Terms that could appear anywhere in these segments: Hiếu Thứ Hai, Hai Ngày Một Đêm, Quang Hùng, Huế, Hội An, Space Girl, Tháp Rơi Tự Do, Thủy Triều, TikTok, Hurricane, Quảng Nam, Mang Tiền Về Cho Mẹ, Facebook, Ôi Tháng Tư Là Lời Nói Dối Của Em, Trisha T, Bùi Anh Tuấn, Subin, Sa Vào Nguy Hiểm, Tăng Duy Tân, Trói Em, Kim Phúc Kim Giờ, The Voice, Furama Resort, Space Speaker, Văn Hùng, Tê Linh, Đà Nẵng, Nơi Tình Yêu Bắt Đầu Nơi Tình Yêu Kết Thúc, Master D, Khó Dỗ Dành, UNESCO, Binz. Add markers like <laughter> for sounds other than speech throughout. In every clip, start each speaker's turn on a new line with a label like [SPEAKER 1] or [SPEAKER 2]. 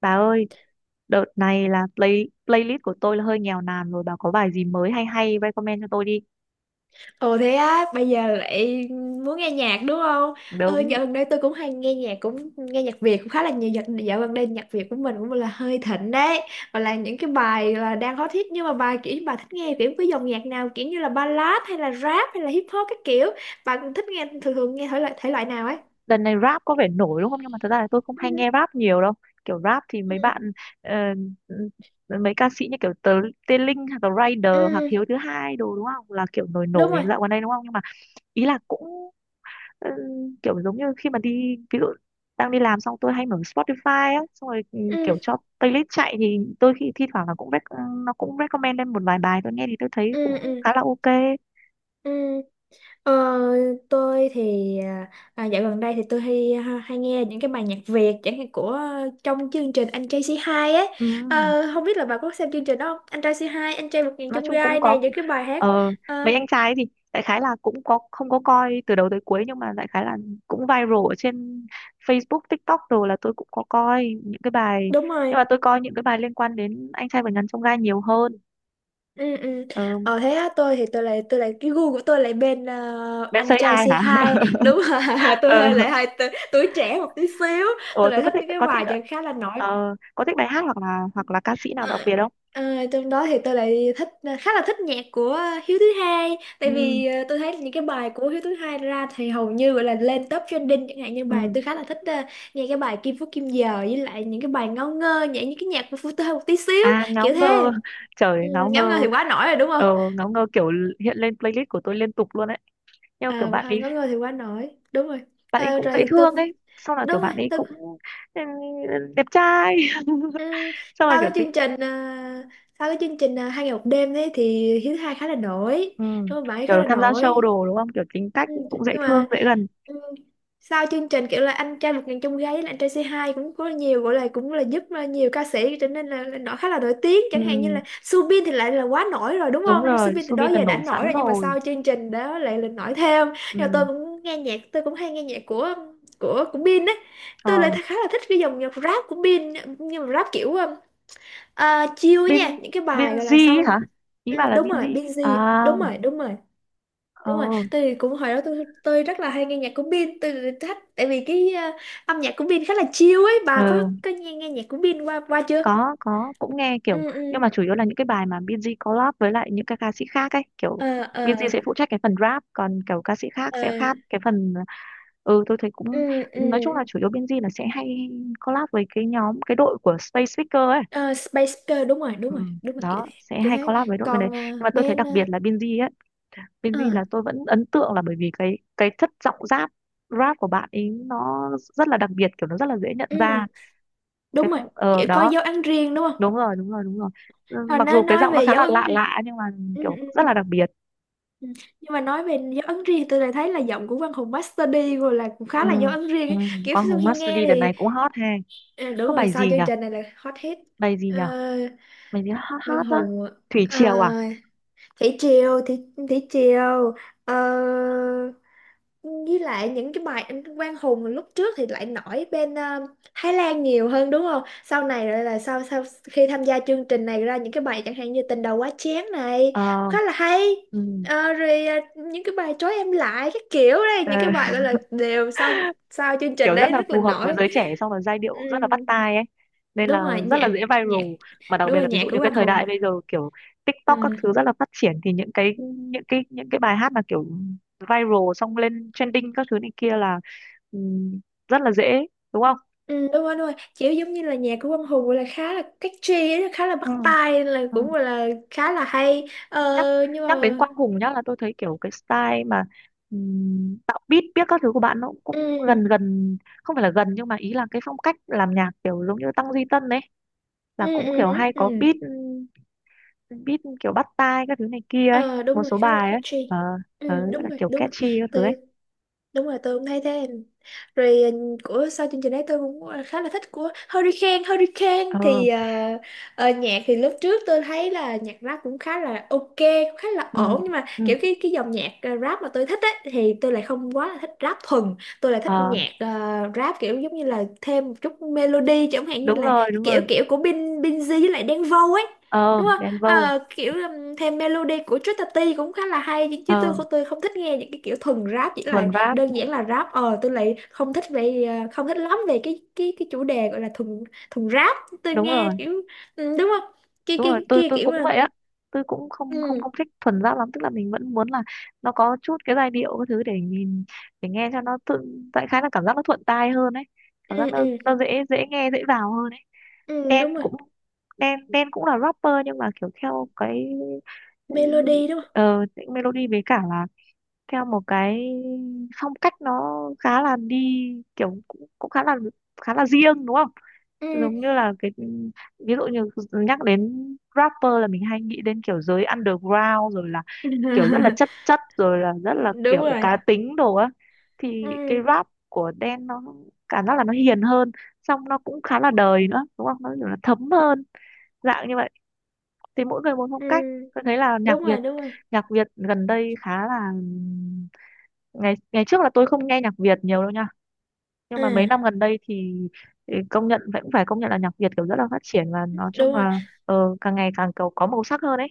[SPEAKER 1] Bà ơi, đợt này là play playlist của tôi là hơi nghèo nàn rồi. Bà có bài gì mới hay hay recommend cho tôi đi.
[SPEAKER 2] Ồ thế á, bây giờ lại muốn nghe nhạc đúng không?
[SPEAKER 1] Đúng,
[SPEAKER 2] Dạo gần đây tôi cũng hay nghe nhạc, cũng nghe nhạc Việt cũng khá là nhiều. Dạo gần đây nhạc Việt của mình cũng là hơi thịnh đấy. Và là những cái bài là đang hot hit, nhưng mà bài kiểu bà thích nghe kiểu cái dòng nhạc nào, kiểu như là ballad hay là rap hay là hip hop các kiểu. Bạn thích nghe thường thường nghe thể loại nào ấy?
[SPEAKER 1] đợt này rap có vẻ nổi đúng không? Nhưng mà thật ra là tôi không
[SPEAKER 2] Ừ,
[SPEAKER 1] hay nghe rap nhiều đâu. Kiểu rap thì
[SPEAKER 2] ừ,
[SPEAKER 1] mấy bạn ờ, ừ, mấy ca sĩ như kiểu Tê Linh hoặc là Rider hoặc
[SPEAKER 2] ừ,
[SPEAKER 1] Hiếu thứ hai đồ đúng không? Là kiểu nổi
[SPEAKER 2] đúng
[SPEAKER 1] nổi
[SPEAKER 2] rồi.
[SPEAKER 1] dạo gần đây đúng không? Nhưng mà ý là cũng ừ, kiểu giống như khi mà đi, ví dụ đang đi làm xong tôi hay mở Spotify á, xong rồi ừ,
[SPEAKER 2] Ừ,
[SPEAKER 1] kiểu cho playlist chạy thì tôi thi thoảng là cũng nó cũng recommend lên một vài bài tôi nghe thì tôi thấy cũng
[SPEAKER 2] ừ, ừ,
[SPEAKER 1] khá là ok.
[SPEAKER 2] ừ. Ờ, tôi thì dạo gần đây thì tôi hay hay nghe những cái bài nhạc Việt, chẳng hạn của trong chương trình Anh Trai Say Hi ấy.
[SPEAKER 1] ừ.
[SPEAKER 2] Không biết là bà có xem chương trình đó không, Anh Trai Say Hi, Anh Trai Vượt Ngàn
[SPEAKER 1] Nói
[SPEAKER 2] Chông
[SPEAKER 1] chung cũng
[SPEAKER 2] Gai
[SPEAKER 1] có
[SPEAKER 2] này, những cái bài hát.
[SPEAKER 1] ờ, mấy
[SPEAKER 2] Ờ,
[SPEAKER 1] anh trai ấy thì đại khái là cũng có, không có coi từ đầu tới cuối nhưng mà đại khái là cũng viral ở trên Facebook, TikTok rồi là tôi cũng có coi những cái bài,
[SPEAKER 2] Đúng
[SPEAKER 1] nhưng
[SPEAKER 2] rồi,
[SPEAKER 1] mà tôi coi những cái bài liên quan đến anh trai vượt ngàn chông gai nhiều hơn.
[SPEAKER 2] ừ, ừ.
[SPEAKER 1] Ờ,
[SPEAKER 2] Thế á, tôi thì tôi lại cái gu của tôi lại bên
[SPEAKER 1] Ben
[SPEAKER 2] Anh
[SPEAKER 1] Say
[SPEAKER 2] Trai
[SPEAKER 1] Hi
[SPEAKER 2] Say
[SPEAKER 1] hả?
[SPEAKER 2] Hi đúng rồi.
[SPEAKER 1] <laughs>
[SPEAKER 2] <laughs> Tôi
[SPEAKER 1] Ờ.
[SPEAKER 2] hơi tuổi trẻ một tí xíu,
[SPEAKER 1] Ủa,
[SPEAKER 2] tôi
[SPEAKER 1] tôi
[SPEAKER 2] lại
[SPEAKER 1] có
[SPEAKER 2] thích
[SPEAKER 1] thích,
[SPEAKER 2] những cái
[SPEAKER 1] có thích
[SPEAKER 2] bài nhạc khá là nổi.
[SPEAKER 1] ờ, có thích bài hát hoặc là ca sĩ nào đặc
[SPEAKER 2] À,
[SPEAKER 1] biệt không?
[SPEAKER 2] Trong đó thì tôi lại thích khá là thích nhạc của Hiếu Thứ Hai, tại
[SPEAKER 1] Ừ,
[SPEAKER 2] vì tôi thấy những cái bài của Hiếu Thứ Hai ra thì hầu như gọi là lên top trending. Chẳng hạn như bài
[SPEAKER 1] ừ.
[SPEAKER 2] tôi khá là thích nghe cái bài Kim Phúc Kim Giờ, với lại những cái bài ngáo ngơ, nhảy những cái nhạc của Phú Tơ một tí xíu
[SPEAKER 1] À, ngáo
[SPEAKER 2] kiểu thế.
[SPEAKER 1] ngơ, <laughs>
[SPEAKER 2] Ừ,
[SPEAKER 1] trời ngáo
[SPEAKER 2] ngáo ngơ
[SPEAKER 1] ngơ,
[SPEAKER 2] thì quá nổi rồi đúng không.
[SPEAKER 1] ờ, ngáo ngơ kiểu hiện lên playlist của tôi liên tục luôn ấy. Nhưng mà
[SPEAKER 2] À,
[SPEAKER 1] kiểu bạn
[SPEAKER 2] ngáo
[SPEAKER 1] ấy
[SPEAKER 2] ngơ thì quá nổi đúng rồi.
[SPEAKER 1] bạn ấy cũng dễ
[SPEAKER 2] Rồi tôi
[SPEAKER 1] thương
[SPEAKER 2] cũng
[SPEAKER 1] ấy, sau là kiểu
[SPEAKER 2] đúng rồi
[SPEAKER 1] bạn ấy
[SPEAKER 2] tôi.
[SPEAKER 1] cũng ừ, đẹp trai, <laughs>
[SPEAKER 2] Ừ,
[SPEAKER 1] xong rồi
[SPEAKER 2] sau
[SPEAKER 1] kiểu
[SPEAKER 2] cái
[SPEAKER 1] tính,
[SPEAKER 2] chương trình ờ, sau cái chương trình ờ, hai ngày một đêm đấy thì Hiếu Thứ Hai khá là nổi
[SPEAKER 1] ừ.
[SPEAKER 2] đúng không, bảy khá
[SPEAKER 1] kiểu
[SPEAKER 2] là
[SPEAKER 1] tham gia show
[SPEAKER 2] nổi.
[SPEAKER 1] đồ đúng không? Kiểu tính cách
[SPEAKER 2] Ừ,
[SPEAKER 1] cũng dễ
[SPEAKER 2] nhưng
[SPEAKER 1] thương,
[SPEAKER 2] mà
[SPEAKER 1] dễ gần.
[SPEAKER 2] ừ, sau chương trình kiểu là anh trai vượt ngàn chông gai là anh trai C2 cũng có nhiều, gọi là cũng là giúp nhiều ca sĩ trở nên là nổi, khá là nổi tiếng.
[SPEAKER 1] Ừ,
[SPEAKER 2] Chẳng hạn như là Subin thì lại là quá nổi rồi đúng
[SPEAKER 1] đúng
[SPEAKER 2] không,
[SPEAKER 1] rồi,
[SPEAKER 2] Subin từ đó
[SPEAKER 1] Subin là
[SPEAKER 2] giờ đã
[SPEAKER 1] nổi
[SPEAKER 2] nổi
[SPEAKER 1] sẵn
[SPEAKER 2] rồi, nhưng mà
[SPEAKER 1] rồi.
[SPEAKER 2] sau chương trình đó lại là nổi thêm. Nhưng mà tôi
[SPEAKER 1] Ừ.
[SPEAKER 2] cũng nghe nhạc, tôi cũng hay nghe nhạc của Bin á. Tôi lại
[SPEAKER 1] Ờ,
[SPEAKER 2] khá là thích cái dòng nhạc rap của Bin, nhưng mà rap kiểu à, chill nha,
[SPEAKER 1] Bin
[SPEAKER 2] những cái bài gọi
[SPEAKER 1] Binz
[SPEAKER 2] là
[SPEAKER 1] ấy
[SPEAKER 2] sau.
[SPEAKER 1] hả, ý
[SPEAKER 2] Ừ,
[SPEAKER 1] bà là
[SPEAKER 2] đúng
[SPEAKER 1] Binz
[SPEAKER 2] rồi
[SPEAKER 1] à?
[SPEAKER 2] Binz, đúng rồi, đúng rồi,
[SPEAKER 1] Ờ
[SPEAKER 2] đúng rồi. Tôi thì cũng hồi đó tôi rất là hay nghe nhạc của Bin, tôi thích tại vì cái âm nhạc của Bin khá là chill ấy. Bà
[SPEAKER 1] ừ,
[SPEAKER 2] có nghe nghe nhạc của Bin qua qua chưa?
[SPEAKER 1] có cũng nghe kiểu,
[SPEAKER 2] Ừ,
[SPEAKER 1] nhưng
[SPEAKER 2] ừ,
[SPEAKER 1] mà chủ yếu là những cái bài mà Binz collab với lại những cái ca sĩ khác ấy, kiểu
[SPEAKER 2] ờ, ờ,
[SPEAKER 1] Binz sẽ phụ trách cái phần rap còn kiểu ca sĩ khác sẽ
[SPEAKER 2] ờ,
[SPEAKER 1] khác cái phần. Ừ, tôi thấy
[SPEAKER 2] ừ,
[SPEAKER 1] cũng,
[SPEAKER 2] ừ.
[SPEAKER 1] nói chung là chủ yếu Binz là sẽ hay collab với cái nhóm, cái đội của Space Speaker ấy,
[SPEAKER 2] Ờ, Space Girl đúng rồi, đúng
[SPEAKER 1] ừ,
[SPEAKER 2] rồi, đúng rồi, kiểu
[SPEAKER 1] đó
[SPEAKER 2] thế,
[SPEAKER 1] sẽ
[SPEAKER 2] kiểu
[SPEAKER 1] hay
[SPEAKER 2] thế.
[SPEAKER 1] collab với đội bên đấy,
[SPEAKER 2] Còn
[SPEAKER 1] nhưng
[SPEAKER 2] ờ,
[SPEAKER 1] mà tôi thấy
[SPEAKER 2] Ben
[SPEAKER 1] đặc
[SPEAKER 2] ờ,
[SPEAKER 1] biệt là Binz ấy,
[SPEAKER 2] ờ,
[SPEAKER 1] Benji là tôi vẫn ấn tượng là bởi vì cái chất giọng rap rap của bạn ấy nó rất là đặc biệt, kiểu nó rất là dễ nhận
[SPEAKER 2] ừ
[SPEAKER 1] ra cái
[SPEAKER 2] đúng rồi,
[SPEAKER 1] phong ờ
[SPEAKER 2] kiểu có
[SPEAKER 1] đó.
[SPEAKER 2] dấu ấn riêng đúng không,
[SPEAKER 1] Đúng rồi, đúng rồi, đúng rồi. Ừ,
[SPEAKER 2] hồi
[SPEAKER 1] mặc
[SPEAKER 2] nó
[SPEAKER 1] dù cái
[SPEAKER 2] nói
[SPEAKER 1] giọng nó
[SPEAKER 2] về
[SPEAKER 1] khá
[SPEAKER 2] dấu
[SPEAKER 1] là
[SPEAKER 2] ấn
[SPEAKER 1] lạ
[SPEAKER 2] riêng.
[SPEAKER 1] lạ nhưng mà
[SPEAKER 2] Ừ
[SPEAKER 1] kiểu rất
[SPEAKER 2] ừ,
[SPEAKER 1] là đặc biệt.
[SPEAKER 2] ừ. Nhưng mà nói về dấu ấn riêng, tôi lại thấy là giọng của Văn Hùng Master D rồi là cũng khá
[SPEAKER 1] Ừ,
[SPEAKER 2] là dấu ấn riêng
[SPEAKER 1] ừ.
[SPEAKER 2] ấy. Kiểu
[SPEAKER 1] Con
[SPEAKER 2] sau
[SPEAKER 1] Hùng
[SPEAKER 2] khi nghe
[SPEAKER 1] Mastery đợt
[SPEAKER 2] thì
[SPEAKER 1] này cũng hot ha,
[SPEAKER 2] à, đúng
[SPEAKER 1] có
[SPEAKER 2] rồi,
[SPEAKER 1] bài
[SPEAKER 2] sau
[SPEAKER 1] gì
[SPEAKER 2] chương
[SPEAKER 1] nhở,
[SPEAKER 2] trình này là hot hit.
[SPEAKER 1] bài gì
[SPEAKER 2] Ờ,
[SPEAKER 1] nhở, bài gì hot
[SPEAKER 2] Văn
[SPEAKER 1] hot đó?
[SPEAKER 2] Hùng, uh,
[SPEAKER 1] Thủy Triều à?
[SPEAKER 2] Thủy Triều, Thủy Triều. ờ, với lại những cái bài anh Quang Hùng lúc trước thì lại nổi bên Thái Lan nhiều hơn đúng không? Sau này lại là sau sau khi tham gia chương trình này ra những cái bài chẳng hạn như Tình Đầu Quá Chén này,
[SPEAKER 1] Ờ
[SPEAKER 2] khá là hay.
[SPEAKER 1] ừ.
[SPEAKER 2] Rồi những cái bài trói em lại các kiểu đây,
[SPEAKER 1] Ờ,
[SPEAKER 2] những cái bài gọi là đều sau sau chương trình
[SPEAKER 1] kiểu rất
[SPEAKER 2] đấy
[SPEAKER 1] là
[SPEAKER 2] rất là
[SPEAKER 1] phù hợp với
[SPEAKER 2] nổi.
[SPEAKER 1] giới trẻ, xong là giai
[SPEAKER 2] Ừ,
[SPEAKER 1] điệu rất là bắt tai ấy, nên
[SPEAKER 2] đúng
[SPEAKER 1] là
[SPEAKER 2] rồi
[SPEAKER 1] rất là
[SPEAKER 2] nhạc
[SPEAKER 1] dễ viral,
[SPEAKER 2] nhạc
[SPEAKER 1] mà đặc
[SPEAKER 2] đúng
[SPEAKER 1] biệt
[SPEAKER 2] rồi
[SPEAKER 1] là ví dụ
[SPEAKER 2] nhạc của
[SPEAKER 1] như cái
[SPEAKER 2] Quang
[SPEAKER 1] thời
[SPEAKER 2] Hùng.
[SPEAKER 1] đại bây giờ kiểu
[SPEAKER 2] Ừ.
[SPEAKER 1] TikTok các thứ rất là phát triển, thì những cái bài hát mà kiểu viral xong lên trending các thứ này kia là ừm, rất là dễ, đúng không?
[SPEAKER 2] Ừ, đúng rồi, đúng rồi. Kiểu giống như là nhạc của Quang Hùng gọi là khá là catchy ấy, khá là
[SPEAKER 1] Ừ,
[SPEAKER 2] bắt tai, là
[SPEAKER 1] ừ.
[SPEAKER 2] cũng gọi là khá là hay. Ờ,
[SPEAKER 1] nhắc
[SPEAKER 2] nhưng
[SPEAKER 1] Nhắc đến
[SPEAKER 2] mà...
[SPEAKER 1] Quang Hùng nhá là tôi thấy kiểu cái style mà tạo beat biết các thứ của bạn nó cũng
[SPEAKER 2] Ừ, ừ,
[SPEAKER 1] gần gần, không phải là gần nhưng mà ý là cái phong cách làm nhạc kiểu giống như Tăng Duy Tân ấy, là
[SPEAKER 2] ừ,
[SPEAKER 1] cũng
[SPEAKER 2] ừ,
[SPEAKER 1] kiểu hay có
[SPEAKER 2] ừ.
[SPEAKER 1] beat beat kiểu bắt tai các thứ này kia ấy,
[SPEAKER 2] Ờ, Đúng
[SPEAKER 1] một
[SPEAKER 2] rồi,
[SPEAKER 1] số
[SPEAKER 2] khá là
[SPEAKER 1] bài ấy,
[SPEAKER 2] catchy.
[SPEAKER 1] ờ, ờ,
[SPEAKER 2] Ừ,
[SPEAKER 1] gọi
[SPEAKER 2] đúng
[SPEAKER 1] là
[SPEAKER 2] rồi,
[SPEAKER 1] kiểu
[SPEAKER 2] đúng
[SPEAKER 1] catchy các thứ ấy.
[SPEAKER 2] rồi. Đúng rồi tôi cũng thấy thế, rồi ừ, của sau chương trình đấy tôi cũng khá là thích của Hurricane. Hurricane
[SPEAKER 1] Ờ
[SPEAKER 2] thì nhạc thì lúc trước tôi thấy là nhạc rap cũng khá là ok, cũng khá là
[SPEAKER 1] ừ
[SPEAKER 2] ổn, nhưng mà
[SPEAKER 1] ừ
[SPEAKER 2] kiểu cái dòng nhạc rap mà tôi thích ấy, thì tôi lại không quá là thích rap thuần. Tôi lại thích
[SPEAKER 1] ờ
[SPEAKER 2] nhạc rap kiểu giống như là thêm một chút melody, chẳng hạn như là cái
[SPEAKER 1] đúng
[SPEAKER 2] kiểu
[SPEAKER 1] rồi
[SPEAKER 2] kiểu của Bin Binz với lại Đen Vâu ấy
[SPEAKER 1] ờ,
[SPEAKER 2] đúng không.
[SPEAKER 1] Đen Vâu,
[SPEAKER 2] Ờ, Kiểu thêm melody của Trisha T cũng khá là hay, chứ chứ
[SPEAKER 1] ờ,
[SPEAKER 2] tôi không thích nghe những cái kiểu thuần rap, chỉ
[SPEAKER 1] thuần
[SPEAKER 2] là
[SPEAKER 1] rap.
[SPEAKER 2] đơn giản là rap. Ờ tôi lại không thích về không thích lắm về cái cái chủ đề gọi là thùng, thùng rap. Tôi
[SPEAKER 1] Đúng
[SPEAKER 2] nghe
[SPEAKER 1] rồi,
[SPEAKER 2] kiểu ừ, đúng không, kia
[SPEAKER 1] đúng
[SPEAKER 2] kia
[SPEAKER 1] rồi, tôi
[SPEAKER 2] kia
[SPEAKER 1] tôi
[SPEAKER 2] kiểu
[SPEAKER 1] cũng
[SPEAKER 2] là
[SPEAKER 1] vậy á, tôi cũng không không
[SPEAKER 2] ừ,
[SPEAKER 1] không thích thuần rap lắm, tức là mình vẫn muốn là nó có chút cái giai điệu các thứ để nhìn, để nghe cho nó tự tại, khá là cảm giác nó thuận tai hơn ấy, cảm giác
[SPEAKER 2] ừ,
[SPEAKER 1] nó
[SPEAKER 2] ừ,
[SPEAKER 1] nó dễ, dễ nghe, dễ vào hơn ấy.
[SPEAKER 2] ừ,
[SPEAKER 1] Đen
[SPEAKER 2] đúng rồi.
[SPEAKER 1] cũng, Đen Đen cũng là rapper nhưng mà kiểu theo cái ừ,
[SPEAKER 2] Melody đúng không.
[SPEAKER 1] ờ melody, với cả là theo một cái phong cách nó khá là đi, kiểu cũng, cũng khá là, khá là riêng đúng không?
[SPEAKER 2] Ừ.
[SPEAKER 1] Giống như là cái, ví dụ như nhắc đến rapper là mình hay nghĩ đến kiểu giới underground, rồi là kiểu rất là chất
[SPEAKER 2] <laughs>
[SPEAKER 1] chất, rồi là rất là
[SPEAKER 2] Đúng
[SPEAKER 1] kiểu
[SPEAKER 2] rồi,
[SPEAKER 1] cá tính đồ á, thì
[SPEAKER 2] ừ,
[SPEAKER 1] cái rap của Đen nó cảm giác là nó hiền hơn, xong nó cũng khá là đời nữa đúng không, nó kiểu là thấm hơn, dạng như vậy. Thì mỗi người một phong
[SPEAKER 2] ừ,
[SPEAKER 1] cách, tôi thấy là nhạc
[SPEAKER 2] đúng rồi,
[SPEAKER 1] Việt,
[SPEAKER 2] đúng rồi,
[SPEAKER 1] nhạc Việt gần đây khá là, ngày ngày trước là tôi không nghe nhạc Việt nhiều đâu nhá, nhưng mà mấy
[SPEAKER 2] ừ,
[SPEAKER 1] năm gần đây thì ừ, công nhận, vẫn phải công nhận là nhạc Việt kiểu rất là phát triển, và nói
[SPEAKER 2] đúng
[SPEAKER 1] chung
[SPEAKER 2] rồi.
[SPEAKER 1] là ờ, càng ngày càng kiểu có màu sắc hơn ấy.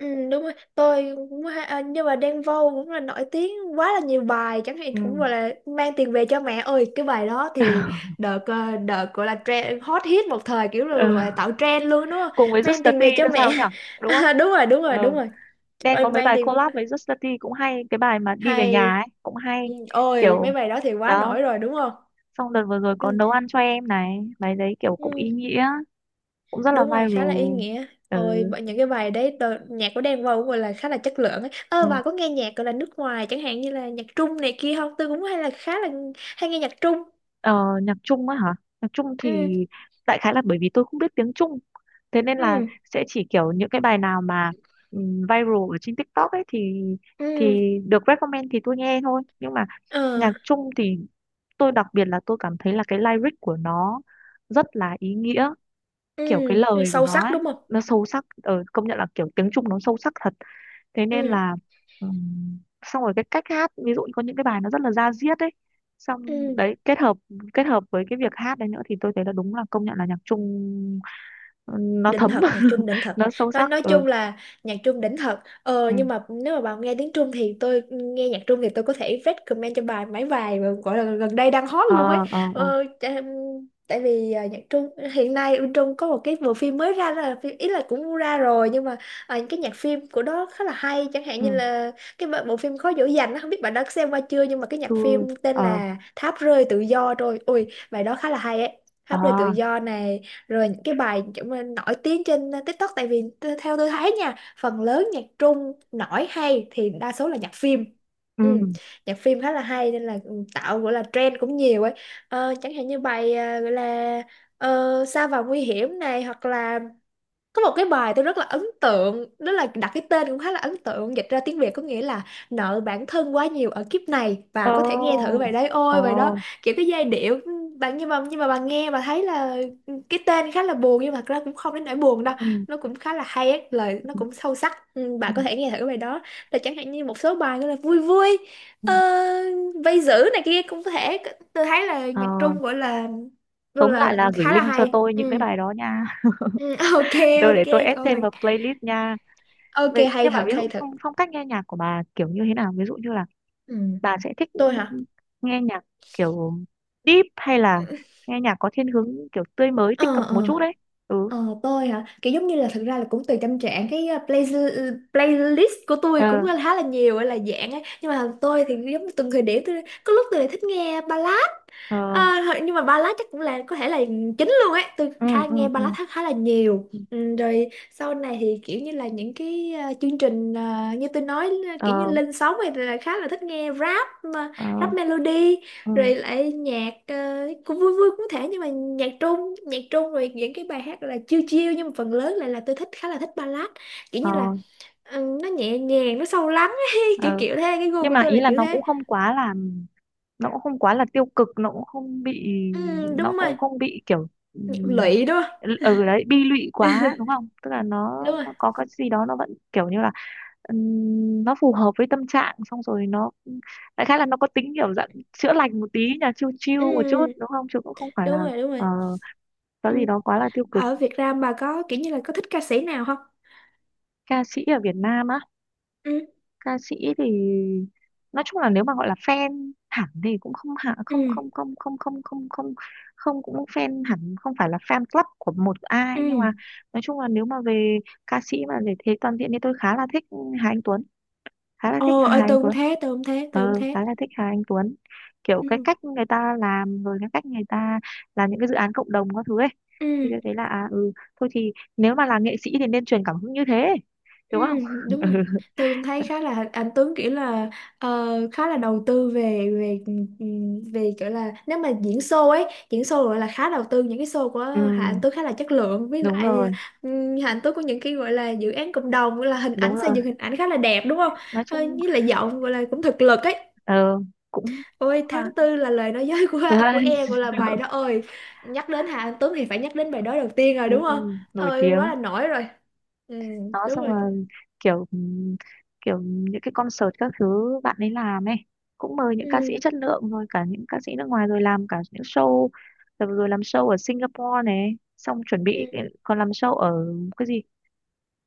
[SPEAKER 2] Ừ, đúng rồi. Tôi cũng hay, à, nhưng mà Đen Vâu cũng là nổi tiếng, quá là nhiều bài chẳng hạn cũng
[SPEAKER 1] Ừ.
[SPEAKER 2] gọi là mang tiền về cho mẹ ơi, cái bài đó thì
[SPEAKER 1] <laughs>
[SPEAKER 2] đợt đợt gọi là trend hot hit một thời, kiểu là
[SPEAKER 1] Ờ,
[SPEAKER 2] gọi là tạo trend luôn đúng không,
[SPEAKER 1] cùng với Just
[SPEAKER 2] mang
[SPEAKER 1] the
[SPEAKER 2] tiền
[SPEAKER 1] Tea
[SPEAKER 2] về cho
[SPEAKER 1] nữa sao
[SPEAKER 2] mẹ.
[SPEAKER 1] nhỉ,
[SPEAKER 2] <laughs>
[SPEAKER 1] đúng không?
[SPEAKER 2] À, đúng rồi, đúng rồi,
[SPEAKER 1] Ờ,
[SPEAKER 2] đúng rồi.
[SPEAKER 1] Đen
[SPEAKER 2] Ôi
[SPEAKER 1] có mấy
[SPEAKER 2] mang
[SPEAKER 1] bài
[SPEAKER 2] tiền
[SPEAKER 1] collab với Just the Tea cũng hay, cái bài mà đi về
[SPEAKER 2] hay.
[SPEAKER 1] nhà ấy cũng hay,
[SPEAKER 2] Ừ, ôi
[SPEAKER 1] kiểu
[SPEAKER 2] mấy bài đó thì quá
[SPEAKER 1] đó.
[SPEAKER 2] nổi rồi đúng không.
[SPEAKER 1] Xong đợt vừa rồi có
[SPEAKER 2] Ừ.
[SPEAKER 1] nấu ăn cho em này, bài đấy kiểu cũng
[SPEAKER 2] Ừ.
[SPEAKER 1] ý nghĩa, cũng rất là
[SPEAKER 2] Đúng rồi, khá là ý
[SPEAKER 1] viral.
[SPEAKER 2] nghĩa. Ôi bởi những cái bài đấy đồ, nhạc của Đen Vâu cũng gọi là khá là chất lượng ấy. Ơ
[SPEAKER 1] Ừ.
[SPEAKER 2] bà có nghe nhạc gọi là nước ngoài, chẳng hạn như là nhạc Trung này kia không? Tôi cũng hay là khá là hay nghe nhạc Trung.
[SPEAKER 1] Ờ, nhạc Trung á hả? Nhạc Trung
[SPEAKER 2] Ừ,
[SPEAKER 1] thì đại khái là bởi vì tôi không biết tiếng Trung, thế nên là
[SPEAKER 2] ừ,
[SPEAKER 1] sẽ chỉ kiểu những cái bài nào mà viral ở trên TikTok ấy thì
[SPEAKER 2] ừ,
[SPEAKER 1] thì được recommend thì tôi nghe thôi. Nhưng mà
[SPEAKER 2] ờ,
[SPEAKER 1] nhạc Trung thì tôi đặc biệt là tôi cảm thấy là cái lyric của nó rất là ý nghĩa,
[SPEAKER 2] ừ,
[SPEAKER 1] kiểu cái lời của
[SPEAKER 2] sâu
[SPEAKER 1] nó
[SPEAKER 2] sắc
[SPEAKER 1] ấy,
[SPEAKER 2] đúng không.
[SPEAKER 1] nó sâu sắc. Ờ, công nhận là kiểu tiếng Trung nó sâu sắc thật, thế nên
[SPEAKER 2] Ừ,
[SPEAKER 1] là xong rồi cái cách hát, ví dụ như có những cái bài nó rất là da diết ấy, xong
[SPEAKER 2] ừ,
[SPEAKER 1] đấy kết hợp với cái việc hát đấy nữa thì tôi thấy là đúng là, công nhận là nhạc Trung, ừ, nó
[SPEAKER 2] đỉnh
[SPEAKER 1] thấm.
[SPEAKER 2] thật, nhạc
[SPEAKER 1] <laughs>
[SPEAKER 2] Trung đỉnh thật.
[SPEAKER 1] Nó sâu
[SPEAKER 2] nói
[SPEAKER 1] sắc.
[SPEAKER 2] nói
[SPEAKER 1] Ừ
[SPEAKER 2] chung là nhạc Trung đỉnh thật. Ờ
[SPEAKER 1] ừ
[SPEAKER 2] nhưng mà nếu mà bạn nghe tiếng Trung, thì tôi nghe nhạc Trung thì tôi có thể recommend cho bài mấy bài mà gọi là gần đây đang hot
[SPEAKER 1] ờ
[SPEAKER 2] luôn ấy.
[SPEAKER 1] ờ ờ
[SPEAKER 2] ờ, chà- Tại vì à, nhạc Trung hiện nay bên Trung có một cái bộ phim mới ra, đó là phim ý, là cũng ra rồi nhưng mà à, những cái nhạc phim của đó khá là hay, chẳng hạn như
[SPEAKER 1] ừ
[SPEAKER 2] là cái bộ bộ phim Khó Dỗ Dành á, không biết bạn đã xem qua chưa, nhưng mà cái nhạc
[SPEAKER 1] chu
[SPEAKER 2] phim tên
[SPEAKER 1] ờ
[SPEAKER 2] là Tháp Rơi Tự Do, rồi ui bài đó khá là hay ấy.
[SPEAKER 1] ờ
[SPEAKER 2] Tháp Rơi Tự Do này, rồi những cái bài kiểu mà nổi tiếng trên TikTok. Tại vì theo tôi thấy nha, phần lớn nhạc Trung nổi hay thì đa số là nhạc phim. Ừ,
[SPEAKER 1] ừ
[SPEAKER 2] nhạc phim khá là hay, nên là ừ, tạo gọi là trend cũng nhiều ấy. Chẳng hạn như bài gọi là Sa Vào Nguy Hiểm này, hoặc là có một cái bài tôi rất là ấn tượng, đó là đặt cái tên cũng khá là ấn tượng, dịch ra tiếng Việt có nghĩa là Nợ Bản Thân Quá Nhiều Ở Kiếp Này, và
[SPEAKER 1] ờ
[SPEAKER 2] có thể nghe thử bài đấy.
[SPEAKER 1] ờ
[SPEAKER 2] Ôi bài đó kiểu cái giai điệu bạn, nhưng mà bạn nghe và thấy là cái tên khá là buồn, nhưng mà thật ra cũng không đến nỗi buồn đâu,
[SPEAKER 1] ừ
[SPEAKER 2] nó cũng khá là hay ấy. Lời nó
[SPEAKER 1] ừ
[SPEAKER 2] cũng sâu sắc. Ừ,
[SPEAKER 1] ừ
[SPEAKER 2] bạn có thể nghe thử bài đó, là chẳng hạn như một số bài như là vui vui,
[SPEAKER 1] ừ.
[SPEAKER 2] ờ, vây giữ này kia cũng có thể. Tôi thấy là
[SPEAKER 1] ờ
[SPEAKER 2] nhạc Trung gọi
[SPEAKER 1] tóm lại
[SPEAKER 2] là
[SPEAKER 1] là gửi
[SPEAKER 2] khá là
[SPEAKER 1] link cho
[SPEAKER 2] hay.
[SPEAKER 1] tôi những cái
[SPEAKER 2] Ừ.
[SPEAKER 1] bài đó nha.
[SPEAKER 2] Ừ, <laughs> ok,
[SPEAKER 1] <laughs> Tôi
[SPEAKER 2] ok
[SPEAKER 1] để tôi
[SPEAKER 2] trời
[SPEAKER 1] add thêm
[SPEAKER 2] ơi.
[SPEAKER 1] vào playlist nha.
[SPEAKER 2] Ok hay
[SPEAKER 1] Nhưng mà
[SPEAKER 2] thật,
[SPEAKER 1] ví dụ
[SPEAKER 2] hay thật.
[SPEAKER 1] phong phong cách nghe nhạc của bà kiểu như thế nào, ví dụ như là
[SPEAKER 2] Ừ.
[SPEAKER 1] bà sẽ thích
[SPEAKER 2] Tôi hả.
[SPEAKER 1] nghe nhạc kiểu deep hay là
[SPEAKER 2] Ừ.
[SPEAKER 1] nghe nhạc có thiên hướng kiểu tươi mới, tích
[SPEAKER 2] Ờ,
[SPEAKER 1] cực một
[SPEAKER 2] ờ,
[SPEAKER 1] chút đấy? Ừ
[SPEAKER 2] ờ, tôi hả, kiểu giống như là thực ra là cũng tùy tâm trạng. Cái playlist của tôi
[SPEAKER 1] ờ
[SPEAKER 2] cũng khá là nhiều là dạng ấy, nhưng mà tôi thì giống như từng thời điểm, tôi có lúc tôi lại thích nghe ballad.
[SPEAKER 1] ờ
[SPEAKER 2] À, thôi, nhưng mà ballad chắc cũng là có thể là chính luôn ấy, tôi
[SPEAKER 1] ừ
[SPEAKER 2] khá
[SPEAKER 1] ừ
[SPEAKER 2] nghe
[SPEAKER 1] ừ
[SPEAKER 2] ballad khá là nhiều.
[SPEAKER 1] ừ.
[SPEAKER 2] Ừ, rồi sau này thì kiểu như là những cái chương trình như tôi nói
[SPEAKER 1] ờ
[SPEAKER 2] kiểu như lên sóng thì là khá là thích nghe rap, mà
[SPEAKER 1] ờ
[SPEAKER 2] rap melody,
[SPEAKER 1] ừ
[SPEAKER 2] rồi lại nhạc cũng vui vui cũng thể. Nhưng mà nhạc Trung rồi những cái bài hát là chill chill, nhưng mà phần lớn lại là tôi thích khá là thích ballad, kiểu
[SPEAKER 1] ờ
[SPEAKER 2] như là ừ, nó nhẹ nhàng nó sâu lắng ấy. <laughs> Kiểu
[SPEAKER 1] ờ
[SPEAKER 2] kiểu thế, cái gu
[SPEAKER 1] nhưng
[SPEAKER 2] của
[SPEAKER 1] mà
[SPEAKER 2] tôi là
[SPEAKER 1] ý là
[SPEAKER 2] kiểu
[SPEAKER 1] nó
[SPEAKER 2] thế.
[SPEAKER 1] cũng không quá là, nó cũng không quá là tiêu cực, nó cũng không bị,
[SPEAKER 2] Ừ,
[SPEAKER 1] nó
[SPEAKER 2] đúng rồi.
[SPEAKER 1] cũng không bị kiểu
[SPEAKER 2] Nhạc
[SPEAKER 1] ừm,
[SPEAKER 2] lụy đúng không.
[SPEAKER 1] ừ đấy, bi lụy quá
[SPEAKER 2] <laughs>
[SPEAKER 1] đúng không, tức là
[SPEAKER 2] Đúng rồi.
[SPEAKER 1] nó có cái gì đó nó vẫn kiểu như là nó phù hợp với tâm trạng, xong rồi nó đại khái là nó có tính kiểu dạng chữa lành một tí nhỉ, chill chill một chút
[SPEAKER 2] Ừ,
[SPEAKER 1] đúng không, chứ cũng không phải là
[SPEAKER 2] đúng rồi, đúng
[SPEAKER 1] ờ,
[SPEAKER 2] rồi.
[SPEAKER 1] có
[SPEAKER 2] Ừ.
[SPEAKER 1] gì đó quá là tiêu cực.
[SPEAKER 2] Ở Việt Nam bà có kiểu như là có thích ca sĩ nào không?
[SPEAKER 1] Ca sĩ ở Việt Nam á?
[SPEAKER 2] Ừ,
[SPEAKER 1] Ca sĩ thì nói chung là nếu mà gọi là fan hẳn thì cũng không, hạ không
[SPEAKER 2] ừ,
[SPEAKER 1] không không không không không không không cũng fan hẳn, không phải là fan club của một ai, nhưng
[SPEAKER 2] ừ.
[SPEAKER 1] mà nói chung là nếu mà về ca sĩ mà để thế toàn diện thì tôi khá là thích Hà Anh Tuấn, khá là thích
[SPEAKER 2] Ồ,
[SPEAKER 1] hai
[SPEAKER 2] ơi
[SPEAKER 1] anh
[SPEAKER 2] tôi cũng
[SPEAKER 1] Tuấn.
[SPEAKER 2] thế, tôi cũng thế, tôi cũng
[SPEAKER 1] Ừ,
[SPEAKER 2] thế.
[SPEAKER 1] khá là thích hai anh Tuấn, kiểu cái
[SPEAKER 2] Ừ,
[SPEAKER 1] cách người ta làm, rồi cái cách người ta làm những cái dự án cộng đồng các thứ ấy,
[SPEAKER 2] ừ,
[SPEAKER 1] thì tôi thấy là à, ừ thôi thì nếu mà là nghệ sĩ thì nên truyền cảm hứng như thế,
[SPEAKER 2] ừ,
[SPEAKER 1] đúng không? <laughs>
[SPEAKER 2] đúng
[SPEAKER 1] Ừ,
[SPEAKER 2] rồi. Tôi cũng thấy khá là anh Tuấn kiểu là khá là đầu tư về về ừ, ừ, về kiểu là nếu mà diễn show ấy, diễn show gọi là khá đầu tư, những cái show của
[SPEAKER 1] ừ,
[SPEAKER 2] Hà Anh Tuấn khá là chất lượng, với
[SPEAKER 1] đúng
[SPEAKER 2] lại
[SPEAKER 1] rồi,
[SPEAKER 2] ừ, Hà Anh Tuấn có những cái gọi là dự án cộng đồng, gọi là hình
[SPEAKER 1] đúng
[SPEAKER 2] ảnh, xây
[SPEAKER 1] rồi,
[SPEAKER 2] dựng hình ảnh khá là đẹp đúng không?
[SPEAKER 1] nói chung
[SPEAKER 2] Với lại giọng gọi là cũng thực lực ấy.
[SPEAKER 1] ờ, cũng cũng
[SPEAKER 2] Ôi
[SPEAKER 1] là
[SPEAKER 2] tháng tư là lời nói dối
[SPEAKER 1] đúng
[SPEAKER 2] của
[SPEAKER 1] rồi.
[SPEAKER 2] em, gọi
[SPEAKER 1] <laughs>
[SPEAKER 2] là bài đó ơi, nhắc đến Hà Anh Tuấn thì phải nhắc đến bài đó đầu tiên rồi
[SPEAKER 1] Ừ,
[SPEAKER 2] đúng không,
[SPEAKER 1] nổi
[SPEAKER 2] ơi quá
[SPEAKER 1] tiếng,
[SPEAKER 2] là nổi rồi. Ừ
[SPEAKER 1] đó.
[SPEAKER 2] đúng
[SPEAKER 1] Xong
[SPEAKER 2] rồi,
[SPEAKER 1] rồi kiểu kiểu những cái concert các thứ bạn ấy làm ấy, cũng mời những ca sĩ
[SPEAKER 2] ừ,
[SPEAKER 1] chất lượng, rồi cả những ca sĩ nước ngoài, rồi làm cả những show, rồi làm show ở Singapore này, xong chuẩn
[SPEAKER 2] ừ,
[SPEAKER 1] bị còn làm show ở cái gì,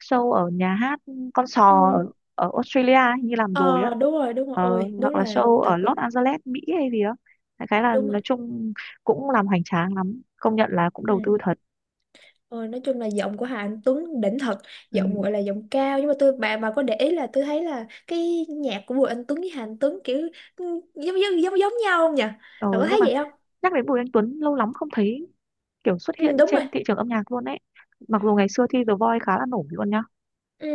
[SPEAKER 1] show ở nhà hát ừ, con
[SPEAKER 2] ừ,
[SPEAKER 1] sò ở, ở Australia ấy, như làm rồi á,
[SPEAKER 2] ờ đúng rồi, đúng rồi,
[SPEAKER 1] ờ,
[SPEAKER 2] ôi đúng
[SPEAKER 1] hoặc là
[SPEAKER 2] là
[SPEAKER 1] show ở
[SPEAKER 2] thật là
[SPEAKER 1] Los Angeles, Mỹ hay gì đó. Đại khái là
[SPEAKER 2] đúng rồi
[SPEAKER 1] nói chung cũng làm hoành tráng lắm, công nhận là cũng đầu
[SPEAKER 2] ừ.
[SPEAKER 1] tư thật.
[SPEAKER 2] Ờ, nói chung là giọng của Hà Anh Tuấn đỉnh thật. Giọng
[SPEAKER 1] Ừ.
[SPEAKER 2] gọi là giọng cao, nhưng mà tôi bà có để ý là tôi thấy là cái nhạc của Bùi Anh Tuấn với Hà Anh Tuấn kiểu ừ, giống giống giống giống nhau không nhỉ,
[SPEAKER 1] Ờ,
[SPEAKER 2] bà có
[SPEAKER 1] nhưng
[SPEAKER 2] thấy
[SPEAKER 1] mà
[SPEAKER 2] vậy không.
[SPEAKER 1] nhắc đến Bùi Anh Tuấn lâu lắm không thấy kiểu xuất
[SPEAKER 2] Ừ
[SPEAKER 1] hiện
[SPEAKER 2] đúng rồi.
[SPEAKER 1] trên thị trường âm nhạc luôn ấy, mặc dù ngày xưa thi The Voice khá là nổi luôn nhá.
[SPEAKER 2] Ừ.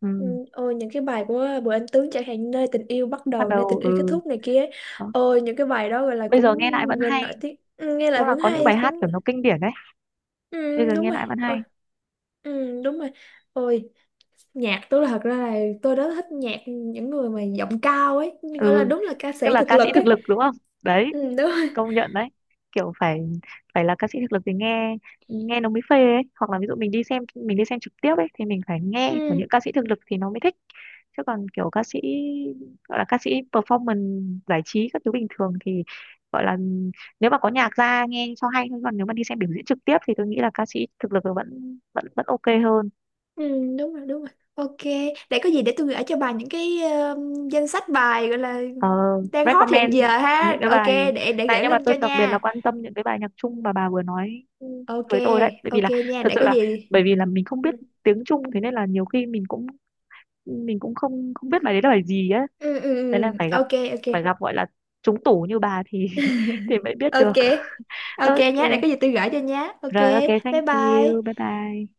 [SPEAKER 1] Ừ.
[SPEAKER 2] Ừ, ôi những cái bài của Bùi Anh Tuấn chẳng hạn nơi tình yêu bắt
[SPEAKER 1] Bắt
[SPEAKER 2] đầu, nơi
[SPEAKER 1] đầu,
[SPEAKER 2] tình yêu kết
[SPEAKER 1] ừ,
[SPEAKER 2] thúc này kia ấy.
[SPEAKER 1] đó.
[SPEAKER 2] Ôi những cái bài đó gọi là
[SPEAKER 1] Bây
[SPEAKER 2] cũng
[SPEAKER 1] giờ nghe lại vẫn
[SPEAKER 2] gần
[SPEAKER 1] hay,
[SPEAKER 2] nổi tiếng. Ừ, nghe lại
[SPEAKER 1] đúng là
[SPEAKER 2] vẫn
[SPEAKER 1] có những bài
[SPEAKER 2] hay
[SPEAKER 1] hát
[SPEAKER 2] cũng
[SPEAKER 1] kiểu nó kinh điển đấy, bây
[SPEAKER 2] ừ,
[SPEAKER 1] giờ
[SPEAKER 2] đúng
[SPEAKER 1] nghe
[SPEAKER 2] rồi.
[SPEAKER 1] lại vẫn
[SPEAKER 2] Ôi,
[SPEAKER 1] hay.
[SPEAKER 2] ừ, đúng rồi, ôi nhạc tôi, là thật ra là tôi rất thích nhạc những người mà giọng cao ấy, gọi là
[SPEAKER 1] Ừ
[SPEAKER 2] đúng là ca
[SPEAKER 1] tức
[SPEAKER 2] sĩ
[SPEAKER 1] là
[SPEAKER 2] thực
[SPEAKER 1] ca sĩ
[SPEAKER 2] lực
[SPEAKER 1] thực
[SPEAKER 2] ấy.
[SPEAKER 1] lực đúng không, đấy,
[SPEAKER 2] Ừ, đúng rồi.
[SPEAKER 1] công nhận đấy, kiểu phải, phải là ca sĩ thực lực thì nghe, nghe nó mới phê ấy, hoặc là ví dụ mình đi xem, mình đi xem trực tiếp ấy thì mình phải nghe của
[SPEAKER 2] Ừ.
[SPEAKER 1] những ca sĩ thực lực thì nó mới thích, chứ còn kiểu ca sĩ, gọi là ca sĩ performance giải trí các thứ bình thường thì gọi là nếu mà có nhạc ra nghe cho hay thôi, còn nếu mà đi xem biểu diễn trực tiếp thì tôi nghĩ là ca sĩ thực lực vẫn vẫn vẫn ok hơn.
[SPEAKER 2] Ừ, đúng rồi, đúng rồi. Ok, để có gì để tôi gửi cho bà những cái danh sách bài gọi là
[SPEAKER 1] Ờ,
[SPEAKER 2] đang hot
[SPEAKER 1] recommend
[SPEAKER 2] hiện giờ
[SPEAKER 1] những
[SPEAKER 2] ha.
[SPEAKER 1] cái
[SPEAKER 2] Ok,
[SPEAKER 1] bài
[SPEAKER 2] để
[SPEAKER 1] này,
[SPEAKER 2] gửi
[SPEAKER 1] nhưng mà
[SPEAKER 2] link
[SPEAKER 1] tôi
[SPEAKER 2] cho
[SPEAKER 1] đặc biệt là
[SPEAKER 2] nha.
[SPEAKER 1] quan tâm những cái bài nhạc Trung mà bà vừa nói
[SPEAKER 2] Ok,
[SPEAKER 1] với tôi đấy, bởi vì
[SPEAKER 2] ok
[SPEAKER 1] là
[SPEAKER 2] nha,
[SPEAKER 1] thật
[SPEAKER 2] để
[SPEAKER 1] sự
[SPEAKER 2] có
[SPEAKER 1] là
[SPEAKER 2] gì.
[SPEAKER 1] bởi vì là mình không
[SPEAKER 2] Ừ,
[SPEAKER 1] biết tiếng Trung thế nên là nhiều khi mình cũng, mình cũng không không biết bài đấy là bài gì ấy.
[SPEAKER 2] ừ, ừ,
[SPEAKER 1] Đấy
[SPEAKER 2] ừ,
[SPEAKER 1] là
[SPEAKER 2] ừ.
[SPEAKER 1] phải gặp,
[SPEAKER 2] Ok, ok.
[SPEAKER 1] phải gặp gọi là trúng tủ như bà thì <laughs> thì mới biết được.
[SPEAKER 2] Ok. Ok
[SPEAKER 1] Ok
[SPEAKER 2] nhé, để có gì tôi gửi cho nhé. Ok,
[SPEAKER 1] rồi, ok,
[SPEAKER 2] bye
[SPEAKER 1] thank you,
[SPEAKER 2] bye.
[SPEAKER 1] bye bye.